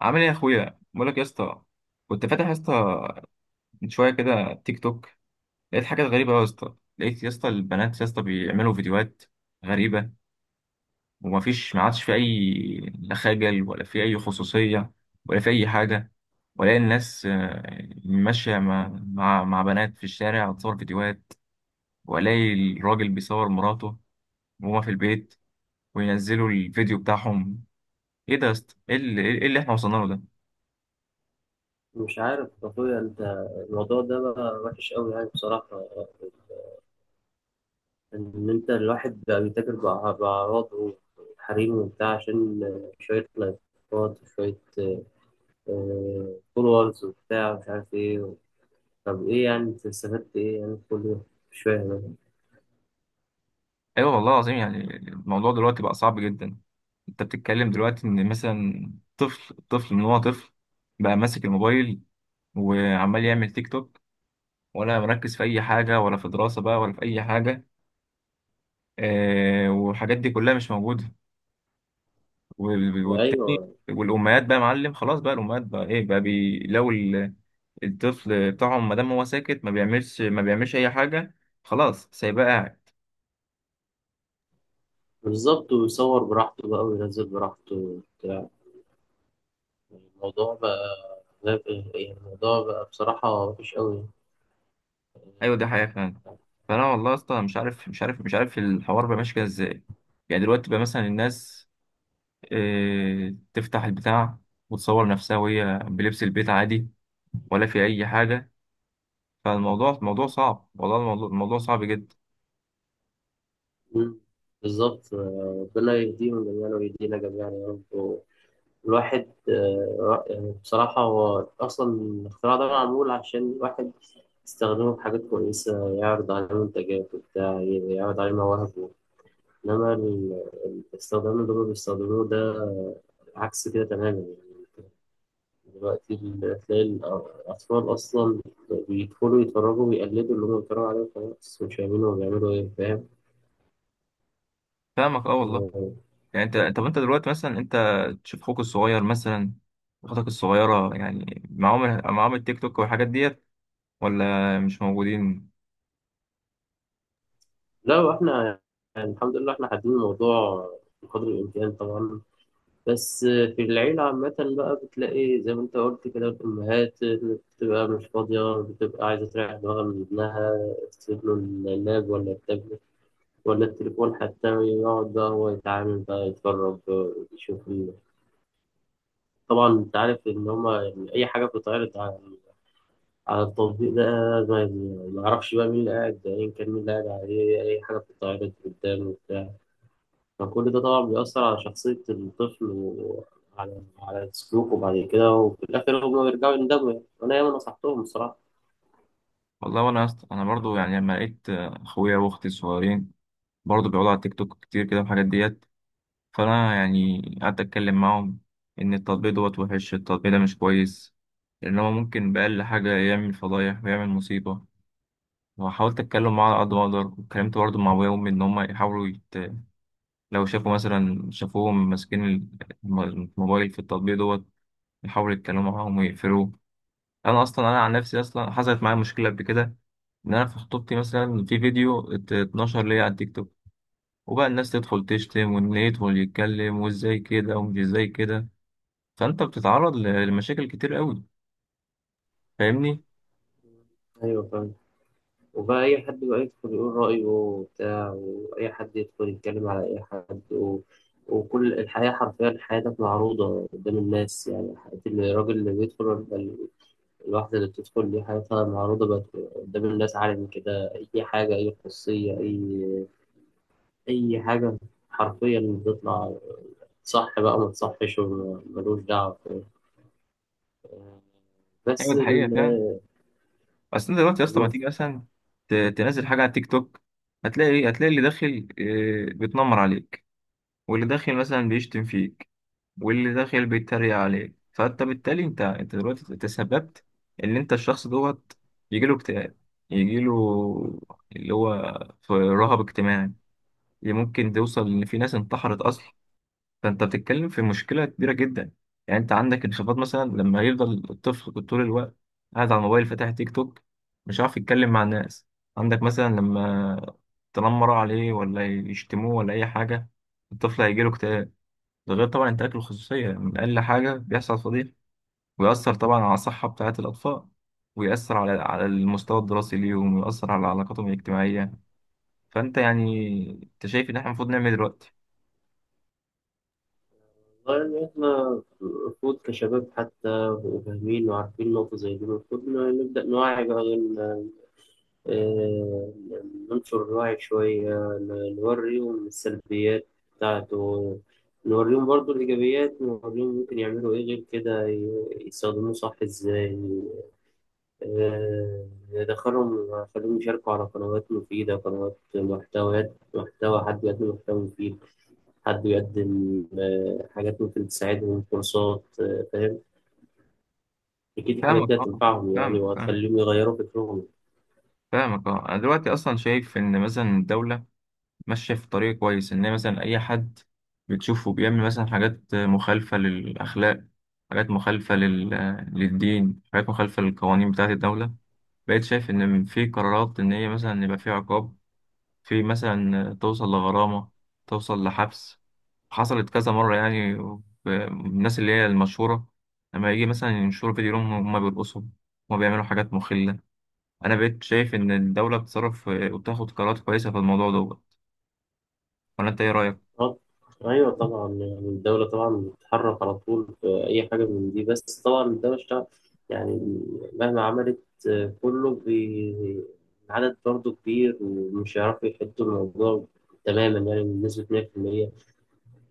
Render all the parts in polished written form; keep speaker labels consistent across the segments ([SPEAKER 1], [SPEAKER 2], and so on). [SPEAKER 1] عامل ايه يا اخويا؟ بقول لك يا اسطى، كنت فاتح يا اسطى من شويه كده تيك توك، لقيت حاجات غريبه قوي يا اسطى. لقيت يا اسطى البنات يا اسطى بيعملوا فيديوهات غريبه، ومفيش، ما عادش في اي، لا خجل ولا في اي خصوصيه ولا في اي حاجه. ولا الناس ماشيه مع بنات في الشارع وتصور فيديوهات، والاقي الراجل بيصور مراته وهما في البيت وينزلوا الفيديو بتاعهم. ايه ده يا اسطى؟ ايه اللي إيه اللي احنا وصلنا له ده؟
[SPEAKER 2] مش عارف يا اخويا انت. الموضوع ده بقى وحش قوي يعني بصراحة، ان انت الواحد بقى بيتاجر بأع- بأعراضه وحريمه وبتاع عشان شوية لايكات وشوية فولورز وبتاع مش عارف ايه. طب ايه يعني انت استفدت ايه يعني كل ده؟ مش فاهم.
[SPEAKER 1] ايوه والله العظيم، يعني الموضوع دلوقتي بقى صعب جدا. انت بتتكلم دلوقتي ان مثلا طفل، من هو طفل بقى ماسك الموبايل وعمال يعمل تيك توك، ولا مركز في اي حاجه، ولا في دراسه بقى، ولا في اي حاجه. آه، والحاجات دي كلها مش موجوده. وال-
[SPEAKER 2] أنا.
[SPEAKER 1] والتاني
[SPEAKER 2] ايوه.
[SPEAKER 1] والامهات بقى يا معلم، خلاص بقى الامهات بقى ايه بقى بي لو الطفل بتاعهم ما دام هو ساكت ما بيعملش اي حاجه، خلاص سايباه قاعد.
[SPEAKER 2] بالظبط، ويصور براحته بقى وينزل براحته وبتاع. الموضوع بقى غاب- يعني الموضوع بقى بصراحة وحش قوي.
[SPEAKER 1] ايوه دي حقيقة فعلا. فانا والله اصلا مش عارف الحوار بقى ماشي كده ازاي. يعني دلوقتي بقى مثلا الناس آه، تفتح البتاع وتصور نفسها وهي بلبس البيت عادي، ولا في اي حاجة. فالموضوع صعب. والله الموضوع صعب جدا.
[SPEAKER 2] مم. بالظبط. ربنا يهديهم جميعا ويهدينا جميعا يا رب الواحد، يعني بصراحة هو أصلا الاختراع ده معمول عشان الواحد يستخدمه في حاجات كويسة، يعرض عليه منتجات وبتاع، يعرض عليه مواهبه، إنما الاستخدام اللي هما بيستخدموه ده عكس كده تماما يعني. دلوقتي تلاقي الأطفال أصلا بيدخلوا يتفرجوا ويقلدوا اللي هما بيتفرجوا عليه وخلاص مش فاهمين هما بيعملوا إيه، فاهم؟
[SPEAKER 1] فاهمك اه والله.
[SPEAKER 2] آه،
[SPEAKER 1] يعني انت، طب انت دلوقتي مثلا، انت تشوف اخوك الصغير مثلا، اختك الصغيرة، يعني معاهم التيك توك والحاجات ديت، ولا مش موجودين؟
[SPEAKER 2] لا، واحنا يعني الحمد لله احنا حاطين الموضوع بقدر الامكان طبعا، بس في العيلة عامة بقى بتلاقي زي ما انت قلت كده الأمهات بتبقى مش فاضية، بتبقى عايزة تريح دماغها من ابنها، تسيب له اللاب ولا التابلت ولا التليفون حتى، يقعد بقى هو يتعامل بقى يتفرج يشوف طبعا انت عارف ان هما يعني أي حاجة بتتعرض على التطبيق ده ما ما يعرفش بقى مين اللي قاعد، أيا كان مين اللي قاعد عليه أي حاجة بتتعرض قدامه، فكل ده طبعا بيأثر على شخصية الطفل وعلى سلوكه بعد كده، وفي الآخر هما بيرجعوا يندموا يعني، أنا ياما نصحتهم الصراحة.
[SPEAKER 1] والله، انا برضو يعني لما لقيت اخويا واختي الصغيرين برضه بيقعدوا على التيك توك كتير كده والحاجات ديت، فأنا يعني قعدت أتكلم معاهم إن التطبيق دوت وحش، التطبيق ده مش كويس، لأن هو ممكن بأقل حاجة يعمل فضايح ويعمل مصيبة. وحاولت أتكلم معاه على قد ما أقدر، واتكلمت برضه مع أبويا وأمي إن هما يحاولوا يت... لو شافوا مثلا، شافوهم ماسكين الم- الموبايل في التطبيق دوت، يحاولوا يتكلموا معاهم ويقفلوه. أنا أصلا، أنا عن نفسي أصلا حصلت معايا مشكلة قبل كده، إن أنا في خطوبتي مثلا في فيديو اتنشر ليا على التيك توك، وبقى الناس تدخل تشتم، واللي يدخل يتكلم وازاي كده ومش ازاي كده. فانت بتتعرض لمشاكل كتير قوي، فاهمني؟
[SPEAKER 2] أيوه فاهم. وبقى أي حد بقى يدخل يقول رأيه وبتاع، وأي حد يدخل يتكلم على أي حد وكل الحياة حرفيا حياتك معروضة قدام الناس، يعني حياة الراجل اللي بيدخل ولا الواحدة اللي بتدخل دي حياتها معروضة بقت قدام الناس، عالم كده، أي حاجة، أي خصوصية، اي حاجه حرفيا بتطلع. صح بقى ما تصحش ملوش دعوه،
[SPEAKER 1] ايوه
[SPEAKER 2] بس
[SPEAKER 1] دي حقيقه فعلا. اصل انت دلوقتي يا اسطى، ما
[SPEAKER 2] المفروض.
[SPEAKER 1] تيجي مثلا تنزل حاجه على التيك توك، هتلاقي ايه؟ هتلاقي اللي داخل آه، بيتنمر عليك، واللي داخل مثلا بيشتم فيك، واللي داخل بيتريق عليك. فانت بالتالي انت دلوقتي تسببت ان انت الشخص دوت يجيله اكتئاب، يجيله اللي هو في رهاب اجتماعي. ممكن توصل ان في ناس انتحرت اصلا. فانت بتتكلم في مشكله كبيره جدا. يعني انت عندك انخفاض، مثلا لما يفضل الطفل طول الوقت قاعد على الموبايل فاتح تيك توك، مش عارف يتكلم مع الناس. عندك مثلا لما تنمر عليه، ولا يشتموه، ولا اي حاجه، الطفل هيجيله اكتئاب. ده غير طبعا انتهاك الخصوصيه، من اقل حاجه بيحصل فضيحه. ويأثر طبعا على الصحه بتاعه الاطفال، ويأثر على المستوى الدراسي ليهم، ويأثر على علاقاتهم الاجتماعيه. فانت يعني، انت شايف ان احنا المفروض نعمل إيه دلوقتي؟
[SPEAKER 2] إن إحنا المفروض كشباب حتى وفاهمين وعارفين نقطة زي دي، المفروض نبدأ نوعي بقى، آه، ننشر الوعي شوية، نوريهم السلبيات بتاعته، نوريهم برضو الإيجابيات، نوريهم ممكن يعملوا إيه غير كده، يستخدموه صح إزاي. آه، دخلهم، خليهم يشاركوا على قنوات مفيدة، قنوات محتويات، محتوى، حد بيقدم محتوى مفيد، حد بيقدم حاجات ممكن تساعدهم، كورسات، فاهم؟ أكيد الحاجات
[SPEAKER 1] فاهمك
[SPEAKER 2] دي
[SPEAKER 1] اه.
[SPEAKER 2] هتنفعهم يعني
[SPEAKER 1] فاهمك.
[SPEAKER 2] وهتخليهم يغيروا فكرهم.
[SPEAKER 1] فاهمك اه. انا دلوقتي اصلا شايف ان مثلا الدوله ماشيه في طريق كويس، ان هي مثلا اي حد بتشوفه بيعمل مثلا حاجات مخالفه للاخلاق، حاجات مخالفه لل... للدين، حاجات مخالفه للقوانين بتاعه الدوله، بقيت شايف ان في قرارات، ان هي مثلا يبقى في عقاب، في مثلا توصل لغرامه، توصل لحبس. حصلت كذا مره يعني الناس اللي هي المشهوره، لما يجي مثلا ينشروا فيديو لهم هم بيرقصوا، هم بيعملوا حاجات مخله. انا بقيت شايف ان الدوله بتصرف وتاخد قرارات كويسه في الموضوع دوت، ولا انت ايه رايك؟
[SPEAKER 2] آه، أيوة طبعا، يعني الدولة طبعا بتتحرك على طول في أي حاجة من دي، بس طبعا الدولة اشتغل يعني مهما عملت، آه، كله بي... العدد برضه كبير ومش هيعرفوا يحدوا الموضوع تماما يعني بنسبة 100%.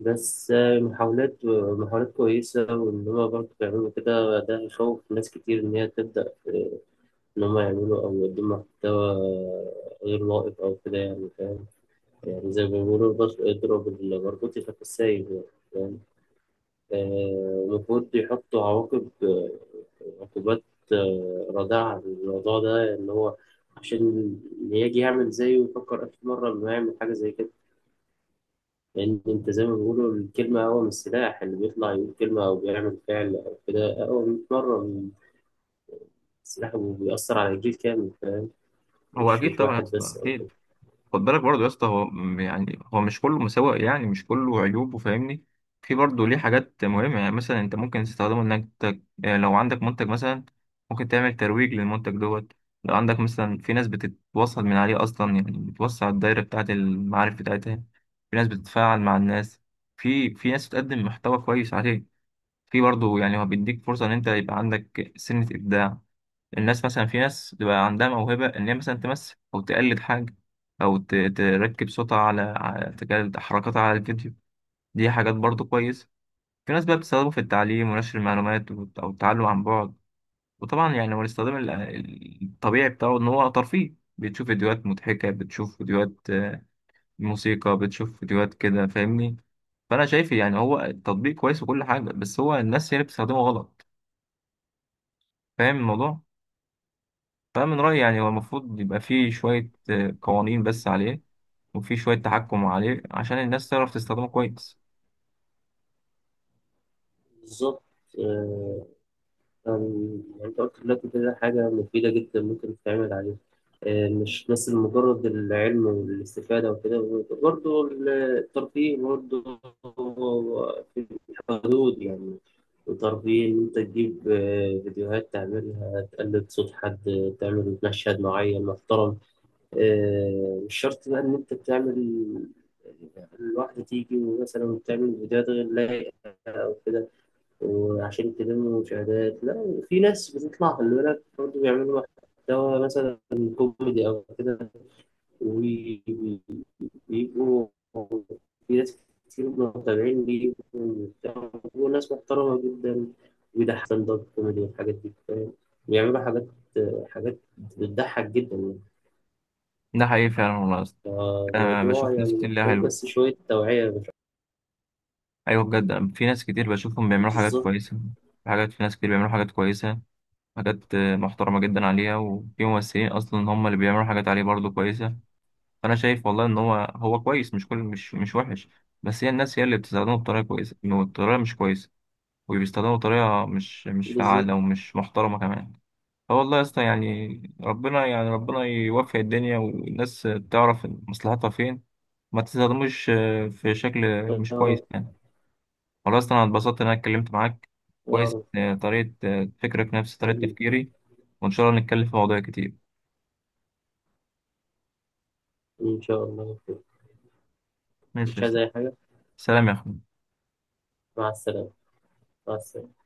[SPEAKER 2] بس محاولات، محاولات كويسة، وإن هما برضه بيعملوا كده ده يخوف ناس كتير إن هي تبدأ في، إن هما يعملوا أو يقدموا محتوى غير لائق أو كده يعني، فاهم؟ يعني زي ما بيقولوا اضرب المربوط يخاف السايب يعني، فاهم؟ المفروض يحطوا عواقب، عقوبات رادعة للموضوع ده، إن هو عشان اللي يجي يعمل زيه يفكر 1000 مرة إنه يعمل حاجة زي كده. لأن أنت زي ما بيقولوا الكلمة أقوى من السلاح، اللي بيطلع يقول كلمة أو بيعمل فعل أو كده أقوى 100 مرة من السلاح، وبيأثر على جيل كامل، فاهم؟
[SPEAKER 1] هو
[SPEAKER 2] مش
[SPEAKER 1] اكيد
[SPEAKER 2] مش
[SPEAKER 1] طبعا يا
[SPEAKER 2] واحد
[SPEAKER 1] اسطى،
[SPEAKER 2] بس أو كده.
[SPEAKER 1] اكيد. خد بالك برضه يا اسطى، يعني هو مش كله مساوئ، يعني مش كله عيوبه، فاهمني؟ في برضه ليه حاجات مهمه، يعني مثلا انت ممكن تستخدمه انك يعني لو عندك منتج مثلا، ممكن تعمل ترويج للمنتج دوت. لو عندك مثلا، في ناس بتتوصل من عليه اصلا، يعني بتوسع الدايره بتاعت المعارف بتاعتها. في ناس بتتفاعل مع الناس، في ناس بتقدم محتوى كويس عليه. في برضه يعني، هو بيديك فرصة إن أنت يبقى عندك سنة إبداع. الناس مثلا، في ناس بيبقى عندها موهبة، إن هي مثلا تمثل أو تقلد حاجة، أو تركب صوتها على تقلد حركاتها على الفيديو. دي حاجات برضه كويسة. في ناس بقى بتستخدمه في التعليم ونشر المعلومات أو التعلم عن بعد. وطبعا يعني، هو الاستخدام الطبيعي بتاعه إن هو ترفيه، بتشوف فيديوهات مضحكة، بتشوف فيديوهات آه، موسيقى، بتشوف فيديوهات كده، فاهمني؟ فأنا شايف يعني هو التطبيق كويس وكل حاجة، بس هو الناس هي اللي بتستخدمه غلط، فاهم الموضوع؟ فمن رأيي يعني هو المفروض يبقى فيه شوية آه، قوانين بس عليه، وفيه شوية تحكم عليه، عشان الناس تعرف تستخدمه كويس.
[SPEAKER 2] بالظبط. آه، أم، يعني أنت قلت دلوقتي كده حاجة مفيدة جدا ممكن تتعمل عليها، مش بس مجرد العلم والاستفادة وكده، برضه الترفيه، برضه في الحدود يعني. الترفيه إن أنت تجيب فيديوهات تعملها، تقلد صوت حد، تعمل مشهد معين محترم، مش شرط بقى إن أنت تعمل الواحدة تيجي ومثلا تعمل فيديوهات غير لايقة أو كده، وعشان تلموا مشاهدات. لا، وفي ناس بتطلع خلي بالك برضه بيعملوا محتوى مثلا كوميدي أو كده، وبيبقوا في ناس كتير متابعين ليه، وبيبقوا ناس محترمة جدا، وبيضحك ستاند اب كوميدي والحاجات دي، فاهم؟ بيعملوا حاجات، حاجات بتضحك جدا يعني.
[SPEAKER 1] ده حقيقي فعلا والله يا اسطى. أنا
[SPEAKER 2] فالموضوع
[SPEAKER 1] بشوف ناس
[SPEAKER 2] يعني
[SPEAKER 1] كتير ليها
[SPEAKER 2] محتاج
[SPEAKER 1] حلو.
[SPEAKER 2] بس شوية توعية مش أكتر.
[SPEAKER 1] أيوة بجد، أنا في ناس كتير بشوفهم بيعملوا حاجات
[SPEAKER 2] بالظبط.
[SPEAKER 1] كويسة. في حاجات، في ناس كتير بيعملوا حاجات كويسة، حاجات آه، محترمة جدا عليها. وفي ممثلين أصلا هم اللي بيعملوا حاجات عليه برضه كويسة. فأنا شايف والله إن هو، هو كويس، مش كل، مش وحش، بس هي الناس هي اللي بتستخدمه بطريقة كويسة بطريقة مش كويسة، وبيستخدموه بطريقة مش
[SPEAKER 2] بالظبط.
[SPEAKER 1] فعالة ومش محترمة كمان. فوالله يا اسطى، يعني ربنا، يعني ربنا يوفق الدنيا، والناس تعرف مصلحتها فين، ما تستخدموش آه، في شكل
[SPEAKER 2] يا
[SPEAKER 1] مش
[SPEAKER 2] رب.
[SPEAKER 1] كويس يعني. والله اصلا انا اتبسطت ان انا اتكلمت معاك.
[SPEAKER 2] يا
[SPEAKER 1] كويس
[SPEAKER 2] رب.
[SPEAKER 1] آه، طريقة آه، فكرك نفس طريقة
[SPEAKER 2] حبيبي.
[SPEAKER 1] تفكيري. وان شاء الله نتكلم في مواضيع كتير.
[SPEAKER 2] إن شاء الله.
[SPEAKER 1] ماشي يا
[SPEAKER 2] مش عايز
[SPEAKER 1] اسطى.
[SPEAKER 2] أي حاجة.
[SPEAKER 1] سلام يا اخوي.
[SPEAKER 2] مع السلامة. مع السلامة.